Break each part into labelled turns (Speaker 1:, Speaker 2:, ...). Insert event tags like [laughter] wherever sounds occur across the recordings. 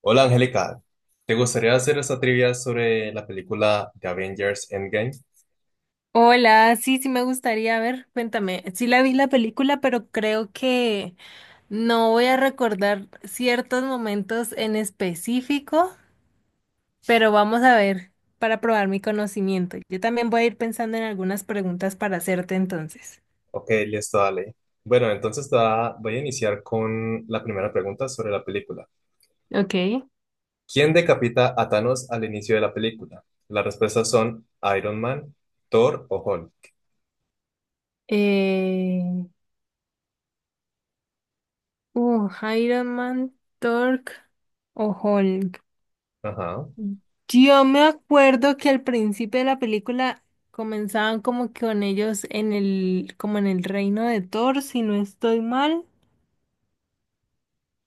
Speaker 1: Hola Angélica, ¿te gustaría hacer esta trivia sobre la película de Avengers Endgame?
Speaker 2: Hola, sí, sí me gustaría, a ver, cuéntame, sí la vi la película, pero creo que no voy a recordar ciertos momentos en específico, pero vamos a ver para probar mi conocimiento. Yo también voy a ir pensando en algunas preguntas para hacerte entonces.
Speaker 1: Ok, listo, dale. Bueno, entonces voy a iniciar con la primera pregunta sobre la película.
Speaker 2: Ok.
Speaker 1: ¿Quién decapita a Thanos al inicio de la película? Las respuestas son Iron Man, Thor o Hulk.
Speaker 2: Eh, uh, Iron Man, Thor o Hulk.
Speaker 1: Ajá.
Speaker 2: Yo me acuerdo que al principio de la película comenzaban como que con ellos en el, como en el reino de Thor, si no estoy mal.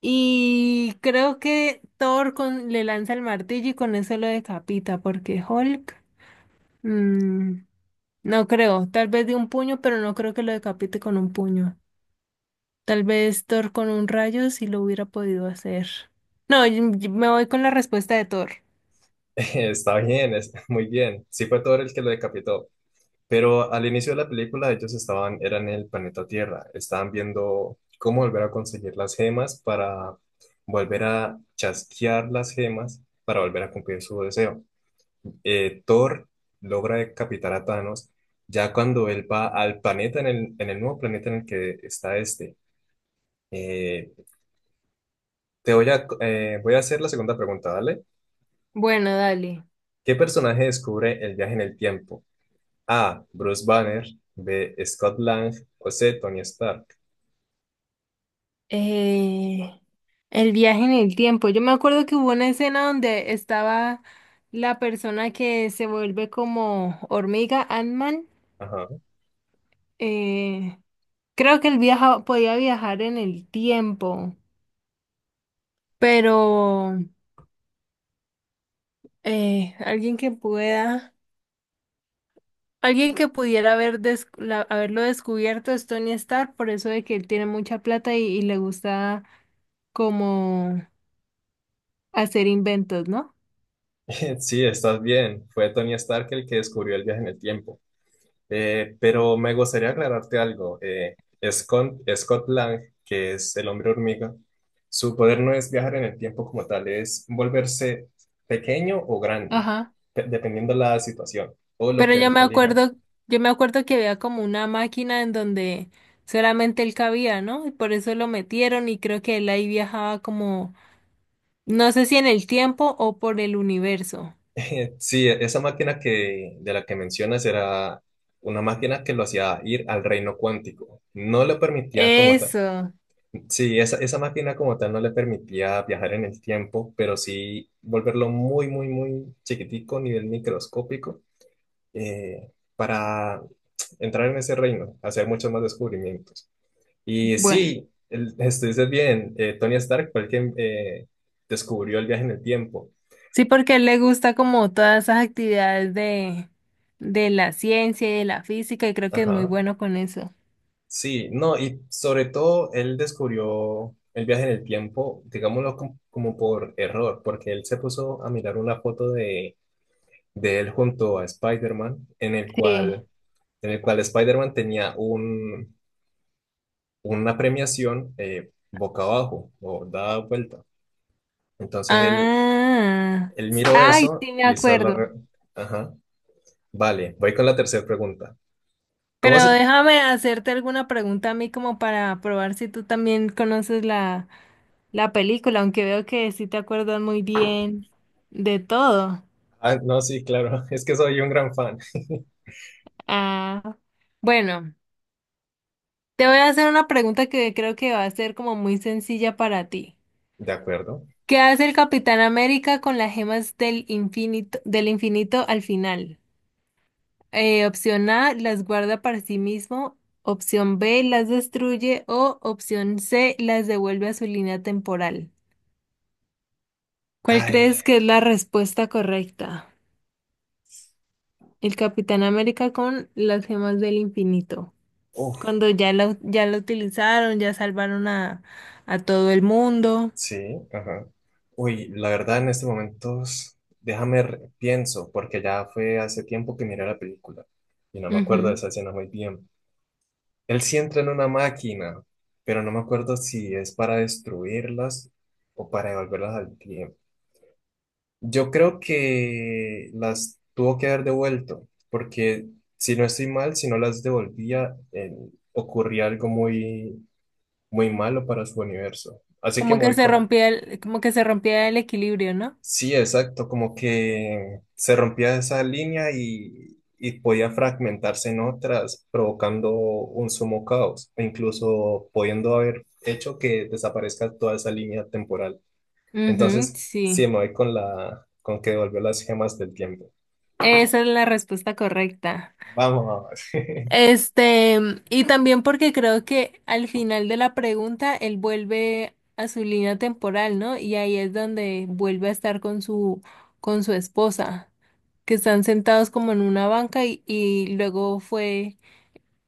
Speaker 2: Y creo que Thor con, le lanza el martillo y con eso lo decapita, porque Hulk, mm, no creo, tal vez de un puño, pero no creo que lo decapite con un puño. Tal vez Thor con un rayo si lo hubiera podido hacer. No, yo me voy con la respuesta de Thor.
Speaker 1: [laughs] Está bien, es muy bien. Sí fue Thor el que lo decapitó. Pero al inicio de la película ellos estaban, eran en el planeta Tierra, estaban viendo cómo volver a conseguir las gemas para volver a chasquear las gemas para volver a cumplir su deseo. Thor logra decapitar a Thanos ya cuando él va al planeta, en el nuevo planeta en el que está este. Eh, voy a hacer la segunda pregunta, ¿vale?
Speaker 2: Bueno, dale.
Speaker 1: ¿Qué personaje descubre el viaje en el tiempo? A. Bruce Banner, B. Scott Lang o C. Tony Stark.
Speaker 2: Eh, el viaje en el tiempo. Yo me acuerdo que hubo una escena donde estaba la persona que se vuelve como hormiga, Ant-Man.
Speaker 1: Ajá.
Speaker 2: Eh, creo que él viaja, podía viajar en el tiempo, pero alguien que pueda, alguien que pudiera haber haberlo descubierto es Tony Stark, por eso de que él tiene mucha plata y le gusta como hacer inventos, ¿no?
Speaker 1: [laughs] Sí, estás bien. Fue Tony Stark el que descubrió el viaje en el tiempo. Pero me gustaría aclararte algo. Scott Lang, que es el hombre hormiga, su poder no es viajar en el tiempo como tal, es volverse pequeño o grande,
Speaker 2: Ajá.
Speaker 1: dependiendo la situación o lo
Speaker 2: Pero
Speaker 1: que él elija.
Speaker 2: yo me acuerdo que había como una máquina en donde solamente él cabía, ¿no? Y por eso lo metieron y creo que él ahí viajaba como, no sé si en el tiempo o por el universo.
Speaker 1: [laughs] Sí, esa máquina de la que mencionas era una máquina que lo hacía ir al reino cuántico. No le permitía como tal.
Speaker 2: Eso.
Speaker 1: Sí, esa máquina como tal no le permitía viajar en el tiempo, pero sí volverlo muy, muy, muy chiquitico, nivel microscópico, para entrar en ese reino, hacer muchos más descubrimientos. Y
Speaker 2: Bueno,
Speaker 1: sí, estuviste bien, Tony Stark fue el que descubrió el viaje en el tiempo.
Speaker 2: sí, porque a él le gusta como todas esas actividades de la ciencia y de la física y creo que es muy
Speaker 1: Ajá.
Speaker 2: bueno con eso.
Speaker 1: Sí, no, y sobre todo él descubrió el viaje en el tiempo, digámoslo como, como por error, porque él se puso a mirar una foto de él junto a Spider-Man,
Speaker 2: Sí.
Speaker 1: en el cual Spider-Man tenía una premiación boca abajo o dada vuelta. Entonces él, él miró
Speaker 2: Ay,
Speaker 1: eso
Speaker 2: sí me
Speaker 1: y esa es
Speaker 2: acuerdo.
Speaker 1: Ajá. Vale, voy con la tercera pregunta. ¿Cómo
Speaker 2: Pero
Speaker 1: se...?
Speaker 2: déjame hacerte alguna pregunta a mí como para probar si tú también conoces la, la película, aunque veo que sí te acuerdas muy bien de todo.
Speaker 1: Ah, no, sí, claro, [laughs] es que soy un gran fan.
Speaker 2: Ah, bueno, te voy a hacer una pregunta que creo que va a ser como muy sencilla para ti.
Speaker 1: De acuerdo.
Speaker 2: ¿Qué hace el Capitán América con las gemas del infinito al final? Opción A, las guarda para sí mismo. Opción B, las destruye. O opción C, las devuelve a su línea temporal. ¿Cuál
Speaker 1: Ay,
Speaker 2: crees que es la respuesta correcta? El Capitán América con las gemas del infinito.
Speaker 1: uff,
Speaker 2: Cuando ya lo utilizaron, ya salvaron a todo el mundo.
Speaker 1: sí, ajá. Uy, la verdad en este momento, déjame pienso, porque ya fue hace tiempo que miré la película y no me acuerdo de
Speaker 2: Ujú.
Speaker 1: esa escena muy bien. Él sí entra en una máquina, pero no me acuerdo si es para destruirlas o para devolverlas al tiempo. Yo creo que las tuvo que haber devuelto, porque si no estoy mal, si no las devolvía, ocurría algo muy, muy malo para su universo. Así que
Speaker 2: Como
Speaker 1: me
Speaker 2: que
Speaker 1: voy
Speaker 2: se
Speaker 1: con...
Speaker 2: rompía el, como que se rompía el equilibrio, ¿no?
Speaker 1: Sí, exacto, como que se rompía esa línea y podía fragmentarse en otras, provocando un sumo caos, e incluso pudiendo haber hecho que desaparezca toda esa línea temporal.
Speaker 2: Ujú,
Speaker 1: Entonces, sí,
Speaker 2: sí.
Speaker 1: me voy con con que devolvió las gemas del tiempo.
Speaker 2: Esa es la respuesta correcta.
Speaker 1: Vamos. [laughs]
Speaker 2: Este, y también porque creo que al final de la pregunta él vuelve a su línea temporal, ¿no? Y ahí es donde vuelve a estar con su esposa, que están sentados como en una banca y luego fue,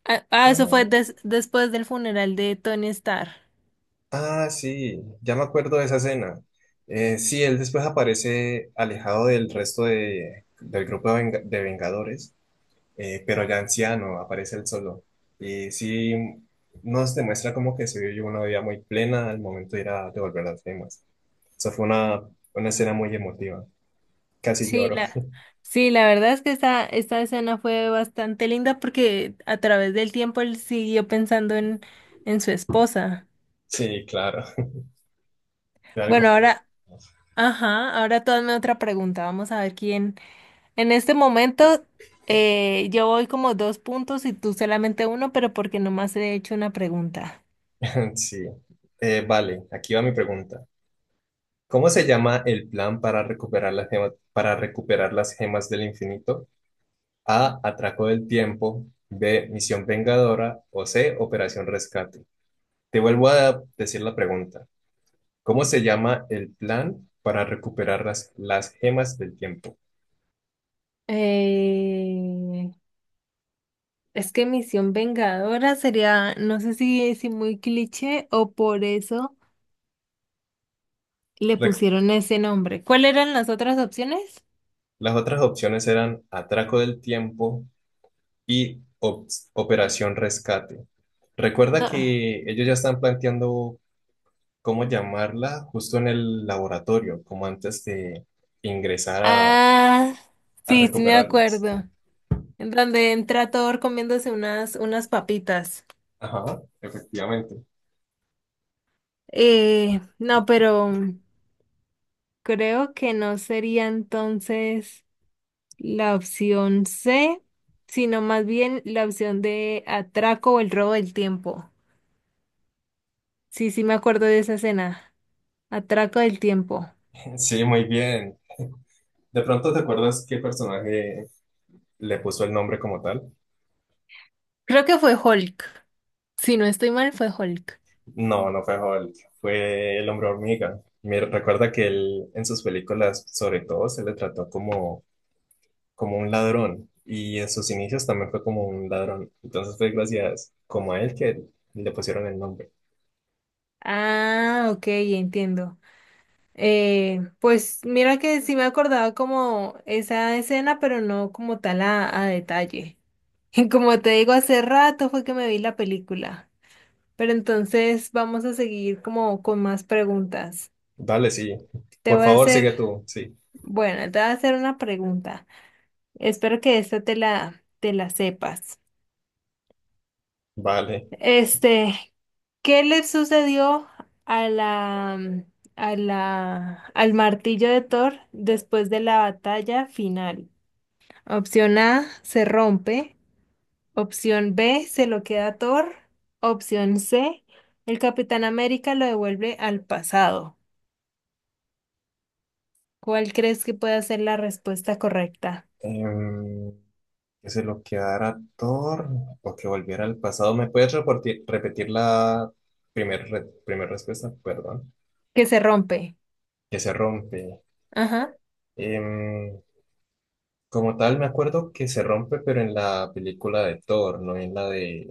Speaker 2: eso fue
Speaker 1: Ah,
Speaker 2: después del funeral de Tony Stark.
Speaker 1: Ah, sí, ya me acuerdo de esa escena. Sí, él después aparece alejado del grupo de Vengadores, pero ya anciano, aparece él solo. Y sí, nos demuestra como que se vivió una vida muy plena al momento de ir a devolver las gemas. Eso fue una escena muy emotiva. Casi
Speaker 2: Sí,
Speaker 1: lloro.
Speaker 2: la,
Speaker 1: [laughs]
Speaker 2: sí, la verdad es que esta escena fue bastante linda porque a través del tiempo él siguió pensando en su esposa.
Speaker 1: Sí, claro. Fue algo
Speaker 2: Bueno,
Speaker 1: muy...
Speaker 2: ahora. Ajá, ahora tú hazme otra pregunta. Vamos a ver quién. En este momento yo voy como dos puntos y tú solamente uno, pero porque nomás he hecho una pregunta.
Speaker 1: [laughs] Sí. Vale, aquí va mi pregunta. ¿Cómo se llama el plan para recuperar las gemas, para recuperar las gemas del infinito? A. Atraco del tiempo. B. Misión Vengadora. O C. Operación Rescate. Te vuelvo a decir la pregunta. ¿Cómo se llama el plan para recuperar las gemas del tiempo?
Speaker 2: Eh, es que Misión Vengadora sería, no sé si muy cliché o por eso le
Speaker 1: Re-
Speaker 2: pusieron ese nombre. ¿Cuáles eran las otras opciones?
Speaker 1: las otras opciones eran Atraco del tiempo y Operación Rescate. Recuerda
Speaker 2: No.
Speaker 1: que ellos ya están planteando cómo llamarla justo en el laboratorio, como antes de ingresar
Speaker 2: Ah,
Speaker 1: a
Speaker 2: sí, sí me
Speaker 1: recuperarlas.
Speaker 2: acuerdo. En donde entra Thor comiéndose unas, unas papitas.
Speaker 1: Ajá, efectivamente.
Speaker 2: Eh, no, pero. Creo que no sería entonces la opción C, sino más bien la opción de atraco o el robo del tiempo. Sí, sí me acuerdo de esa escena. Atraco del tiempo.
Speaker 1: [laughs] Sí, muy bien. ¿De pronto te acuerdas qué personaje le puso el nombre como tal?
Speaker 2: Creo que fue Hulk. Si no estoy mal, fue Hulk.
Speaker 1: No fue Hulk, fue el hombre hormiga. Me recuerda que él en sus películas, sobre todo, se le trató como, como un ladrón y en sus inicios también fue como un ladrón. Entonces fue gracias como a él que le pusieron el nombre.
Speaker 2: Ah, ok, entiendo. Pues mira que sí me acordaba como esa escena, pero no como tal a detalle. [laughs] Como te digo, hace rato fue que me vi la película. Pero entonces vamos a seguir como con más preguntas.
Speaker 1: Dale, sí.
Speaker 2: Te
Speaker 1: Por
Speaker 2: voy a
Speaker 1: favor, sigue
Speaker 2: hacer,
Speaker 1: tú, sí.
Speaker 2: bueno, te voy a hacer una pregunta. Espero que esta te la sepas.
Speaker 1: Vale.
Speaker 2: Este, ¿qué le sucedió a la, a la, al martillo de Thor después de la batalla final? Opción A, se rompe. Opción B, se lo queda Thor. Opción C, el Capitán América lo devuelve al pasado. ¿Cuál crees que pueda ser la respuesta correcta?
Speaker 1: em, que se lo quedara Thor o que volviera al pasado. ¿Me puedes repetir la primera primera respuesta? Perdón.
Speaker 2: Que se rompe.
Speaker 1: Que se rompe.
Speaker 2: Ajá.
Speaker 1: Em, Como tal, me acuerdo que se rompe, pero en la película de Thor, no en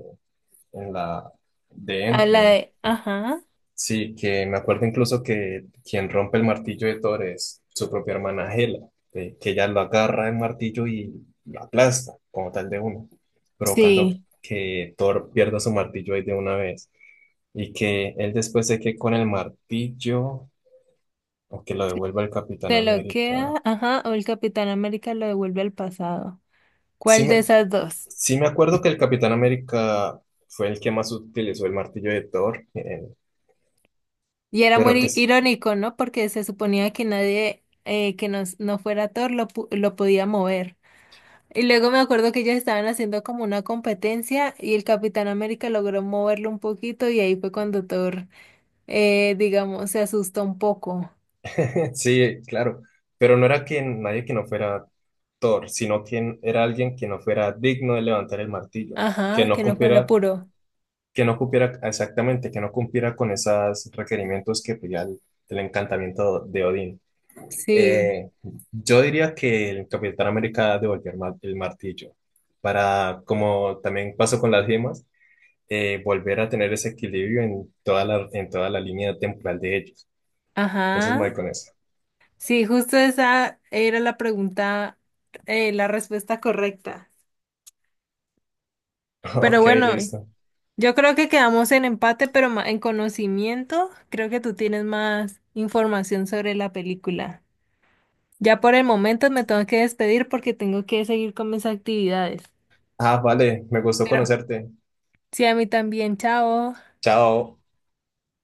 Speaker 1: en la de
Speaker 2: A la
Speaker 1: Endgame.
Speaker 2: de, ajá.
Speaker 1: Sí, que me acuerdo incluso que quien rompe el martillo de Thor es su propia hermana Hela, que ella lo agarra el martillo y lo aplasta como tal de uno, provocando
Speaker 2: Sí.
Speaker 1: que Thor pierda su martillo ahí de una vez y que él después se quede con el martillo o que lo devuelva el Capitán
Speaker 2: Se lo queda,
Speaker 1: América.
Speaker 2: ajá, o el Capitán América lo devuelve al pasado.
Speaker 1: Sí
Speaker 2: ¿Cuál de
Speaker 1: me,
Speaker 2: esas dos?
Speaker 1: sí me acuerdo que el Capitán América fue el que más utilizó el martillo de Thor,
Speaker 2: Y era
Speaker 1: pero que
Speaker 2: muy irónico, ¿no? Porque se suponía que nadie que nos, no fuera Thor lo, lo podía mover. Y luego me acuerdo que ellos estaban haciendo como una competencia y el Capitán América logró moverlo un poquito y ahí fue cuando Thor, digamos, se asustó un poco.
Speaker 1: Sí, claro, pero no era que nadie que no fuera Thor, sino quien era alguien que no fuera digno de levantar el martillo, que
Speaker 2: Ajá,
Speaker 1: no
Speaker 2: que no fuera
Speaker 1: cumpliera,
Speaker 2: puro.
Speaker 1: que no cumpliera exactamente, que no cumpliera con esos requerimientos que pedía el encantamiento de Odín.
Speaker 2: Sí,
Speaker 1: Eh, yo diría que el Capitán América devolvió el martillo para, como también pasó con las gemas, volver a tener ese equilibrio en toda en toda la línea temporal de ellos. Entonces me voy
Speaker 2: ajá.
Speaker 1: con eso.
Speaker 2: Sí, justo esa era la pregunta, la respuesta correcta.
Speaker 1: [laughs] Ok,
Speaker 2: Pero bueno,
Speaker 1: listo.
Speaker 2: yo creo que quedamos en empate, pero en conocimiento, creo que tú tienes más información sobre la película. Ya por el momento me tengo que despedir porque tengo que seguir con mis actividades.
Speaker 1: Ah, vale, me gustó
Speaker 2: Pero
Speaker 1: conocerte.
Speaker 2: sí, a mí también, chao.
Speaker 1: Chao.